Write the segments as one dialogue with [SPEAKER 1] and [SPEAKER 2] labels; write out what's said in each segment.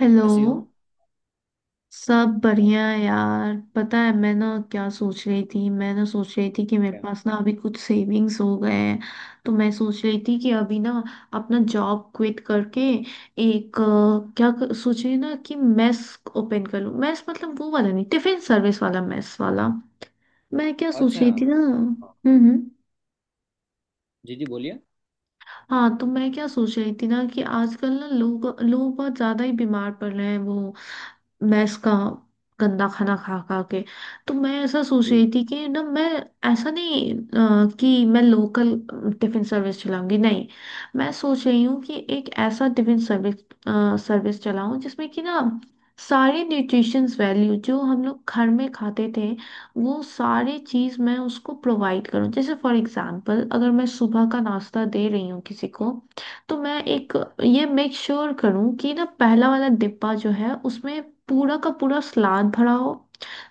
[SPEAKER 1] Hello.
[SPEAKER 2] ऐसी हो।
[SPEAKER 1] सब बढ़िया
[SPEAKER 2] अच्छा।
[SPEAKER 1] है यार। पता है मैं ना क्या सोच रही थी? मैं ना सोच रही थी कि मेरे
[SPEAKER 2] क्या?
[SPEAKER 1] पास ना अभी कुछ सेविंग्स हो गए हैं। तो मैं सोच रही थी कि अभी ना अपना जॉब क्विट करके एक सोच रही हूँ ना कि मेस ओपन कर लूँ। मेस मतलब वो वाला नहीं, टिफिन सर्विस वाला मेस वाला। मैं क्या सोच
[SPEAKER 2] अच्छा,
[SPEAKER 1] रही
[SPEAKER 2] हाँ।
[SPEAKER 1] थी ना।
[SPEAKER 2] जी जी, बोलिए।
[SPEAKER 1] हाँ तो मैं क्या सोच रही थी ना कि आजकल ना लोग लोग बहुत ज्यादा ही बीमार पड़ रहे हैं वो मैस का गंदा खाना खा खा के। तो मैं ऐसा सोच रही
[SPEAKER 2] बिल्कुल।
[SPEAKER 1] थी कि ना मैं ऐसा नहीं, कि मैं लोकल टिफिन सर्विस चलाऊंगी नहीं। मैं सोच रही हूँ कि एक ऐसा टिफिन सर्विस सर्विस चलाऊं जिसमें कि ना सारे न्यूट्रिशंस वैल्यू जो हम लोग घर में खाते थे वो सारी चीज़ मैं उसको प्रोवाइड करूं। जैसे फॉर एग्जांपल अगर मैं सुबह का नाश्ता दे रही हूँ किसी को तो मैं
[SPEAKER 2] जी।
[SPEAKER 1] एक ये मेक श्योर करूं कि ना पहला वाला डिब्बा जो है उसमें पूरा का पूरा सलाद भरा हो।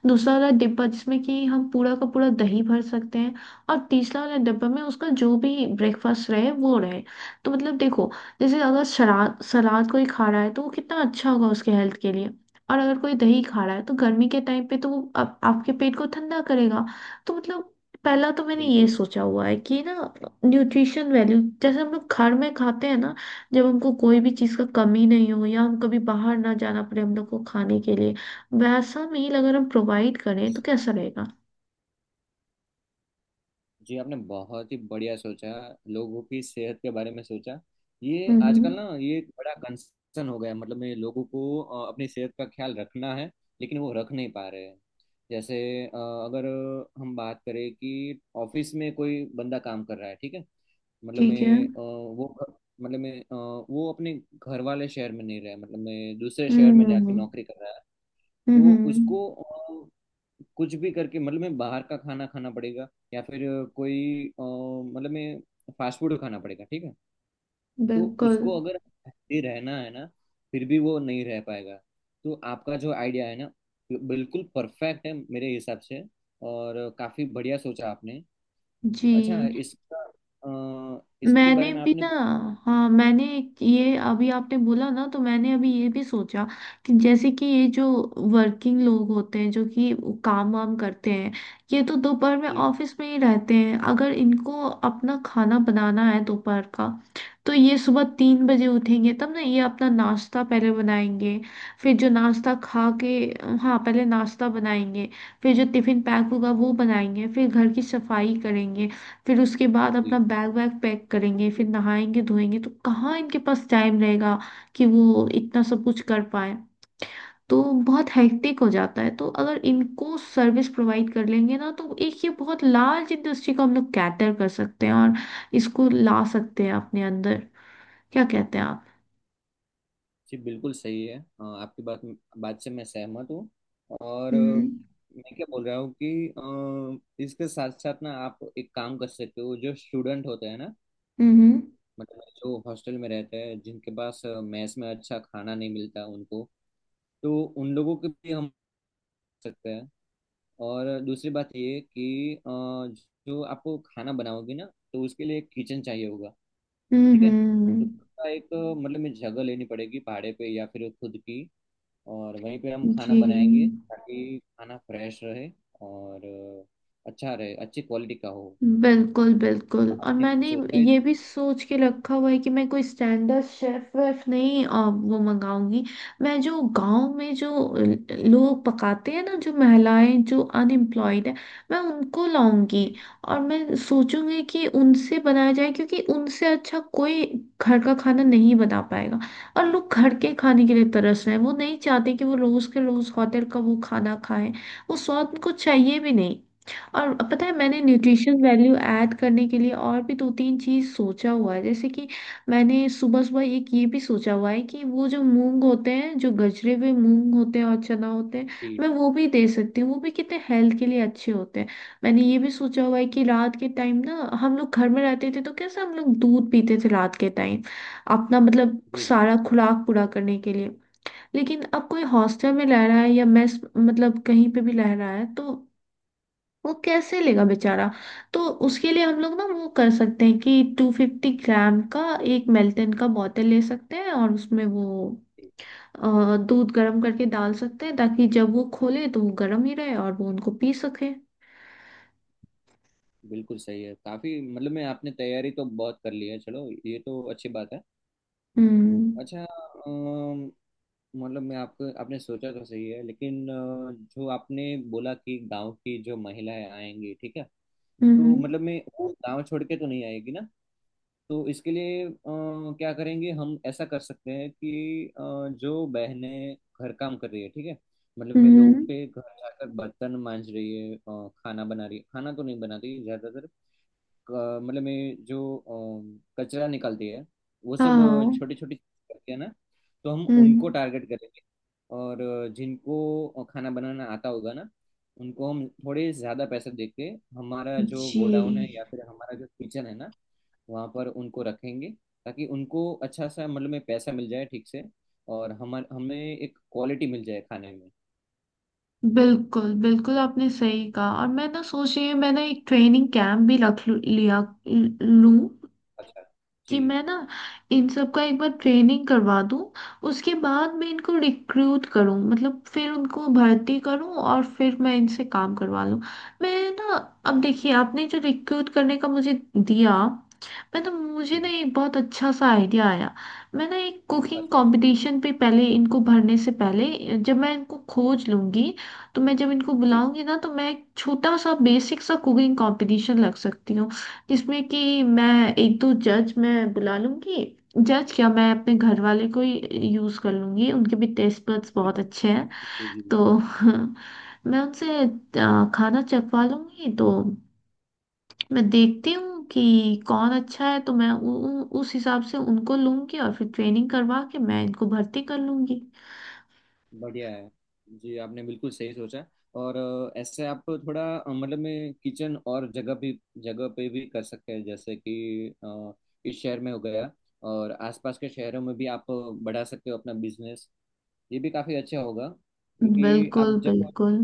[SPEAKER 1] दूसरा वाला डिब्बा जिसमें कि हम पूरा का पूरा दही भर सकते हैं। और तीसरा वाला डिब्बा में उसका जो भी ब्रेकफास्ट रहे वो रहे। तो मतलब देखो। जैसे अगर सलाद सलाद कोई खा रहा है तो वो कितना अच्छा होगा उसके हेल्थ के लिए। और अगर कोई दही खा रहा है तो गर्मी के टाइम पे तो वो आपके पेट को ठंडा करेगा। तो मतलब पहला तो मैंने ये
[SPEAKER 2] बिल्कुल।
[SPEAKER 1] सोचा हुआ है कि ना न्यूट्रिशन वैल्यू जैसे हम लोग घर में खाते हैं ना, जब हमको कोई भी चीज़ का कमी नहीं हो या हम कभी बाहर ना जाना पड़े हम लोग को खाने के लिए, वैसा मील अगर हम प्रोवाइड करें तो कैसा रहेगा।
[SPEAKER 2] जी, आपने बहुत ही बढ़िया सोचा। लोगों की सेहत के बारे में सोचा। ये आजकल
[SPEAKER 1] हम्म।
[SPEAKER 2] ना, ये एक बड़ा कंसर्न हो गया। मतलब मैं लोगों को अपनी सेहत का ख्याल रखना है। लेकिन वो रख नहीं पा रहे हैं। जैसे अगर हम बात करें कि ऑफिस में कोई बंदा काम कर रहा है, ठीक है। मतलब
[SPEAKER 1] ठीक है।
[SPEAKER 2] मैं वो, मतलब मैं वो अपने घर वाले शहर में नहीं रहा, मतलब मैं दूसरे शहर में जाके
[SPEAKER 1] हम्म
[SPEAKER 2] नौकरी कर रहा है। तो
[SPEAKER 1] हम्म।
[SPEAKER 2] उसको कुछ भी करके मतलब मैं बाहर का खाना खाना पड़ेगा। या फिर कोई मतलब मैं फास्ट फूड खाना पड़ेगा, ठीक है। तो
[SPEAKER 1] बिल्कुल।
[SPEAKER 2] उसको अगर हेल्दी रहना है ना, फिर भी वो नहीं रह पाएगा। तो आपका जो आइडिया है ना, बिल्कुल परफेक्ट है मेरे हिसाब से। और काफी बढ़िया सोचा आपने।
[SPEAKER 1] जी।
[SPEAKER 2] अच्छा, इसके
[SPEAKER 1] मैंने
[SPEAKER 2] बारे में
[SPEAKER 1] भी
[SPEAKER 2] आपने
[SPEAKER 1] ना,
[SPEAKER 2] कुछ।
[SPEAKER 1] हाँ मैंने एक ये अभी आपने बोला ना तो मैंने अभी ये भी सोचा कि जैसे कि ये जो वर्किंग लोग होते हैं जो कि काम वाम करते हैं ये तो दोपहर में
[SPEAKER 2] जी।
[SPEAKER 1] ऑफिस में ही रहते हैं। अगर इनको अपना खाना बनाना है दोपहर का तो ये सुबह 3 बजे उठेंगे तब ना ये अपना नाश्ता पहले बनाएंगे। फिर जो नाश्ता खा के, हाँ पहले नाश्ता बनाएंगे। फिर जो टिफिन पैक होगा वो बनाएंगे फिर घर की सफाई करेंगे। फिर उसके बाद अपना
[SPEAKER 2] जी।
[SPEAKER 1] बैग वैग पैक करेंगे फिर नहाएंगे धोएंगे तो कहाँ इनके पास टाइम रहेगा कि वो इतना सब कुछ कर पाए। तो बहुत हेक्टिक हो जाता है। तो अगर इनको सर्विस प्रोवाइड कर लेंगे ना तो एक ये बहुत लार्ज इंडस्ट्री को हम लोग कैटर कर सकते हैं और इसको ला सकते हैं अपने अंदर। क्या कहते हैं आप?
[SPEAKER 2] जी बिल्कुल सही है। आपकी बात बात से मैं सहमत हूँ। और
[SPEAKER 1] हम्म
[SPEAKER 2] मैं क्या बोल रहा हूँ कि इसके साथ साथ ना, आप एक काम कर सकते हो। जो स्टूडेंट होते हैं ना,
[SPEAKER 1] हम्म
[SPEAKER 2] मतलब जो हॉस्टल में रहते हैं, जिनके पास मेस में अच्छा खाना नहीं मिलता उनको, तो उन लोगों के भी हम सकते हैं। और दूसरी बात ये कि जो आपको खाना बनाओगे ना, तो उसके लिए एक किचन चाहिए होगा, ठीक है। तो
[SPEAKER 1] हम्म।
[SPEAKER 2] उसका एक मतलब में जगह लेनी पड़ेगी भाड़े पे या फिर खुद की। और वहीं पे हम
[SPEAKER 1] जी।
[SPEAKER 2] खाना बनाएंगे ताकि खाना फ्रेश रहे और अच्छा रहे, अच्छी क्वालिटी का हो।
[SPEAKER 1] बिल्कुल बिल्कुल, और
[SPEAKER 2] आपने
[SPEAKER 1] मैंने
[SPEAKER 2] कुछ सोचा है?
[SPEAKER 1] ये भी सोच के रखा हुआ है कि मैं कोई स्टैंडर्ड शेफ वेफ नहीं वो मंगाऊंगी। मैं जो गांव में जो लोग पकाते हैं ना, जो महिलाएं जो अनएम्प्लॉयड है, मैं उनको लाऊंगी।
[SPEAKER 2] जी।
[SPEAKER 1] और मैं सोचूंगी कि उनसे बनाया जाए क्योंकि उनसे अच्छा कोई घर का खाना नहीं बना पाएगा। और लोग घर के खाने के लिए तरस रहे हैं। वो नहीं चाहते कि वो रोज के रोज होटल का वो खाना खाएं। वो स्वाद उनको चाहिए भी नहीं। और पता है मैंने न्यूट्रिशन वैल्यू ऐड करने के लिए और भी दो तीन चीज सोचा हुआ है, जैसे कि मैंने सुबह सुबह एक ये भी सोचा हुआ है कि वो जो मूंग होते हैं जो गजरे हुए मूंग होते हैं और चना होते हैं
[SPEAKER 2] जी।
[SPEAKER 1] मैं वो भी दे सकती हूँ। वो भी कितने हेल्थ के लिए अच्छे होते हैं। मैंने ये भी सोचा हुआ है कि रात के टाइम ना हम लोग घर में रहते थे तो कैसे हम लोग दूध पीते थे रात के टाइम अपना मतलब
[SPEAKER 2] जी। जी।
[SPEAKER 1] सारा खुराक पूरा करने के लिए। लेकिन अब कोई हॉस्टल में रह रहा है या मेस मतलब कहीं पे भी रह रहा है तो वो कैसे लेगा बेचारा? तो उसके लिए हम लोग ना वो कर सकते हैं कि 250 ग्राम का एक मेल्टन का बोतल ले सकते हैं और उसमें वो
[SPEAKER 2] जी,
[SPEAKER 1] दूध गर्म करके डाल सकते हैं ताकि जब वो खोले तो वो गर्म ही रहे और वो उनको पी सके।
[SPEAKER 2] बिल्कुल सही है। काफ़ी मतलब मैं आपने तैयारी तो बहुत कर ली है, चलो ये तो अच्छी बात है।
[SPEAKER 1] हम्म
[SPEAKER 2] अच्छा। अम, मतलब मैं आपको, आपने सोचा तो सही है, लेकिन जो आपने बोला कि गांव की जो महिलाएं आएंगी, ठीक है। तो
[SPEAKER 1] हम्म
[SPEAKER 2] मतलब मैं वो गांव छोड़ के तो नहीं आएगी ना। तो इसके लिए क्या करेंगे हम? ऐसा कर सकते हैं कि जो बहनें घर काम कर रही है, ठीक है। मतलब मैं लोगों
[SPEAKER 1] हम्म।
[SPEAKER 2] के घर जाकर बर्तन मांज रही है, खाना बना रही है, खाना तो नहीं बनाती ज्यादातर। मतलब में जो कचरा निकलती है वो सब
[SPEAKER 1] हाँ।
[SPEAKER 2] छोटी छोटी करती है ना। तो हम उनको
[SPEAKER 1] हम्म।
[SPEAKER 2] टारगेट करेंगे। और जिनको खाना बनाना आता होगा ना, उनको हम थोड़े ज़्यादा पैसे दे के हमारा जो
[SPEAKER 1] जी।
[SPEAKER 2] गोडाउन है या फिर हमारा जो किचन है ना, वहाँ पर उनको रखेंगे। ताकि उनको अच्छा सा मतलब में पैसा मिल जाए ठीक से, और हम हमें एक क्वालिटी मिल जाए खाने में।
[SPEAKER 1] बिल्कुल बिल्कुल आपने सही कहा, और मैं ना सोच रही हूँ मैं ना एक ट्रेनिंग कैंप भी रख लू- लिया लूं।
[SPEAKER 2] अच्छा।
[SPEAKER 1] कि
[SPEAKER 2] जी
[SPEAKER 1] मैं ना इन सब का एक बार ट्रेनिंग करवा दूं। उसके बाद मैं इनको रिक्रूट करूं मतलब फिर उनको भर्ती करूं और फिर मैं इनसे काम करवा लूं। मैं ना, अब देखिए आपने जो रिक्रूट करने का मुझे दिया, मैं तो मुझे ना
[SPEAKER 2] जी।
[SPEAKER 1] एक बहुत अच्छा सा आइडिया आया। मैं ना एक कुकिंग
[SPEAKER 2] अच्छा।
[SPEAKER 1] कंपटीशन पे पहले इनको भरने से पहले जब मैं इनको खोज लूंगी तो मैं जब इनको
[SPEAKER 2] जी।
[SPEAKER 1] बुलाऊंगी ना तो मैं एक छोटा सा बेसिक सा कुकिंग कंपटीशन लग सकती हूँ। जिसमें कि मैं एक दो जज मैं बुला लूंगी। जज क्या, मैं अपने घर वाले को ही यूज कर लूंगी। उनके भी टेस्ट बड्स बहुत अच्छे हैं।
[SPEAKER 2] जी जी।
[SPEAKER 1] तो मैं उनसे खाना चखवा लूंगी। तो मैं देखती हूँ कि कौन अच्छा है तो मैं उ, उ, उस हिसाब से उनको लूंगी और फिर ट्रेनिंग करवा के मैं इनको भर्ती कर लूंगी।
[SPEAKER 2] बढ़िया है। जी आपने बिल्कुल सही सोचा। और ऐसे आप थोड़ा मतलब में किचन और जगह भी, जगह पे भी कर सकते हैं, जैसे कि इस शहर में हो गया और आसपास के शहरों में भी आप बढ़ा सकते हो अपना बिजनेस। ये भी काफ़ी अच्छा होगा क्योंकि आप
[SPEAKER 1] बिल्कुल
[SPEAKER 2] जब
[SPEAKER 1] बिल्कुल।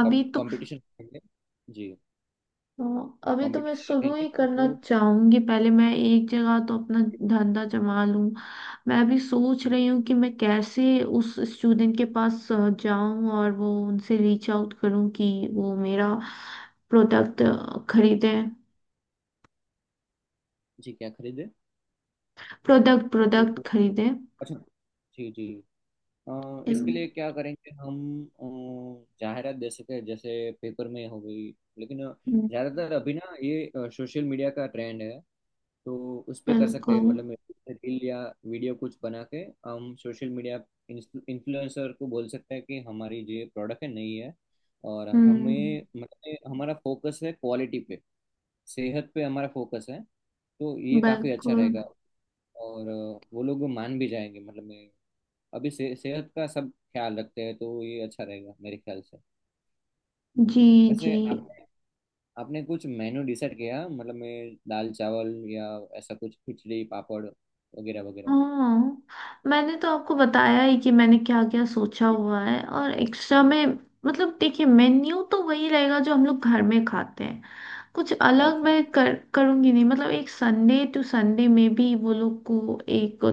[SPEAKER 1] अभी तो
[SPEAKER 2] कंपटीशन रखेंगे। जी।
[SPEAKER 1] हाँ, अभी तो मैं
[SPEAKER 2] कंपटीशन
[SPEAKER 1] शुरू
[SPEAKER 2] रखेंगे
[SPEAKER 1] ही
[SPEAKER 2] ना
[SPEAKER 1] करना
[SPEAKER 2] तो।
[SPEAKER 1] चाहूंगी पहले मैं एक जगह तो अपना धंधा जमा लूं। मैं अभी सोच रही हूँ कि मैं कैसे उस स्टूडेंट के पास जाऊं और वो उनसे रीच आउट करूं कि वो मेरा प्रोडक्ट खरीदे।
[SPEAKER 2] जी। क्या खरीदे?
[SPEAKER 1] प्रोडक्ट प्रोडक्ट खरीदे।
[SPEAKER 2] अच्छा। जी जी।
[SPEAKER 1] इम,
[SPEAKER 2] इसके लिए क्या करेंगे हम? जाहिरात दे सके जैसे पेपर में हो गई, लेकिन ज्यादातर अभी ना, ये सोशल मीडिया का ट्रेंड है। तो उस पे कर सकते हैं,
[SPEAKER 1] बिल्कुल।
[SPEAKER 2] मतलब रील या वीडियो कुछ बना के हम सोशल मीडिया इन्फ्लुएंसर को बोल सकते हैं कि हमारी जो ये प्रोडक्ट है नई है, और
[SPEAKER 1] हम्म।
[SPEAKER 2] हमें मतलब हमारा फोकस है क्वालिटी पे, सेहत पे हमारा फोकस है, तो ये काफ़ी अच्छा
[SPEAKER 1] बिल्कुल।
[SPEAKER 2] रहेगा। और वो लोग मान भी जाएंगे, मतलब अभी से, सेहत का सब ख्याल रखते हैं, तो ये अच्छा रहेगा मेरे ख्याल से।
[SPEAKER 1] जी जी।
[SPEAKER 2] वैसे आपने आपने कुछ मेनू डिसाइड किया, मतलब मैं दाल चावल या ऐसा कुछ, खिचड़ी पापड़ वगैरह वगैरह?
[SPEAKER 1] हाँ मैंने तो आपको बताया ही कि मैंने क्या क्या सोचा हुआ है और एक्स्ट्रा में। मतलब देखिए मेन्यू तो वही रहेगा जो हम लोग घर में खाते हैं। कुछ अलग
[SPEAKER 2] अच्छा।
[SPEAKER 1] मैं कर करूंगी नहीं। मतलब एक संडे टू संडे में भी वो लोग को एक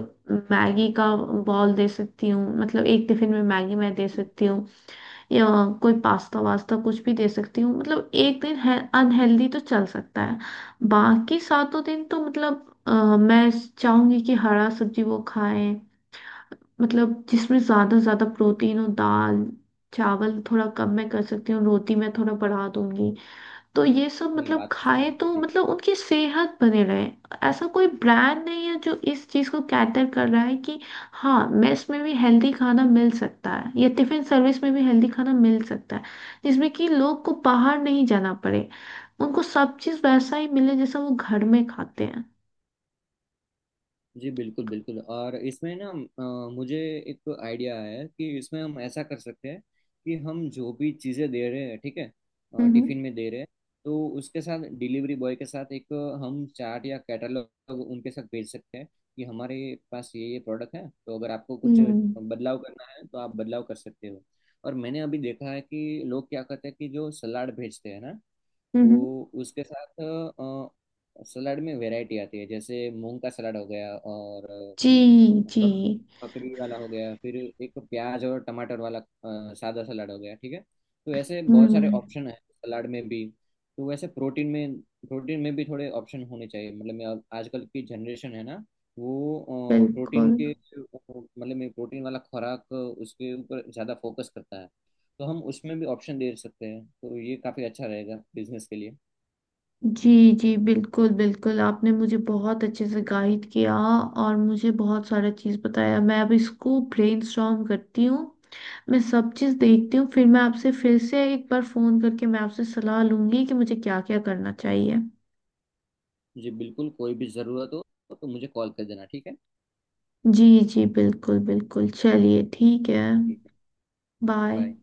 [SPEAKER 1] मैगी का बॉल दे सकती हूँ। मतलब एक टिफिन में मैगी मैं दे
[SPEAKER 2] ठीक।
[SPEAKER 1] सकती हूँ या कोई पास्ता वास्ता कुछ भी दे सकती हूँ। मतलब एक दिन है अनहेल्दी तो चल सकता है। बाकी सातों दिन तो मतलब मैं चाहूंगी कि हरा सब्जी वो खाएं। मतलब जिसमें ज्यादा ज्यादा प्रोटीन हो, दाल चावल थोड़ा कम मैं कर सकती हूँ, रोटी मैं थोड़ा बढ़ा दूंगी। तो ये सब
[SPEAKER 2] नहीं,
[SPEAKER 1] मतलब
[SPEAKER 2] बात तो सही
[SPEAKER 1] खाए
[SPEAKER 2] है
[SPEAKER 1] तो
[SPEAKER 2] जी।
[SPEAKER 1] मतलब उनकी सेहत बने रहे। ऐसा कोई ब्रांड नहीं है जो इस चीज को कैटर कर रहा है कि हाँ मेस में भी हेल्दी खाना मिल सकता है या टिफिन सर्विस में भी हेल्दी खाना मिल सकता है जिसमें कि लोग को बाहर नहीं जाना पड़े। उनको सब चीज वैसा ही मिले जैसा वो घर में खाते हैं।
[SPEAKER 2] जी बिल्कुल बिल्कुल। और इसमें ना मुझे एक आइडिया आया है कि इसमें हम ऐसा कर सकते हैं कि हम जो भी चीज़ें दे रहे हैं, ठीक है,
[SPEAKER 1] हम्म
[SPEAKER 2] टिफिन में दे रहे हैं। तो उसके साथ डिलीवरी बॉय के साथ एक हम चार्ट या कैटलॉग उनके साथ भेज सकते हैं कि हमारे पास ये प्रोडक्ट है, तो अगर आपको कुछ
[SPEAKER 1] हम्म
[SPEAKER 2] बदलाव करना है तो आप बदलाव कर सकते हो। और मैंने अभी देखा है कि लोग क्या करते हैं कि जो सलाड भेजते हैं ना,
[SPEAKER 1] हम्म। हम्म।
[SPEAKER 2] तो उसके साथ सलाद में वैरायटी आती है, जैसे मूंग का सलाद हो गया और
[SPEAKER 1] जी जी।
[SPEAKER 2] पक- पकड़ी वाला हो गया, फिर एक प्याज और टमाटर वाला सादा सलाद हो गया, ठीक है। तो ऐसे बहुत सारे
[SPEAKER 1] हम्म।
[SPEAKER 2] ऑप्शन है सलाद में भी। तो वैसे प्रोटीन में भी थोड़े ऑप्शन होने चाहिए। मतलब मैं आजकल की जनरेशन है ना, वो प्रोटीन
[SPEAKER 1] बिल्कुल।
[SPEAKER 2] के, मतलब मैं प्रोटीन वाला खुराक उसके ऊपर ज़्यादा फोकस करता है। तो हम उसमें भी ऑप्शन दे सकते हैं, तो ये काफ़ी अच्छा रहेगा बिजनेस के लिए।
[SPEAKER 1] जी जी बिल्कुल बिल्कुल आपने मुझे बहुत अच्छे से गाइड किया और मुझे बहुत सारा चीज़ बताया। मैं अब इसको ब्रेनस्टॉर्म करती हूँ। मैं सब चीज़
[SPEAKER 2] जी।
[SPEAKER 1] देखती हूँ फिर मैं आपसे फिर से एक बार फ़ोन करके मैं आपसे सलाह लूँगी कि मुझे क्या क्या करना चाहिए।
[SPEAKER 2] जी बिल्कुल, कोई भी ज़रूरत हो तो मुझे कॉल कर देना, ठीक है।
[SPEAKER 1] जी जी बिल्कुल बिल्कुल। चलिए ठीक है।
[SPEAKER 2] ठीक है।
[SPEAKER 1] बाय।
[SPEAKER 2] बाय।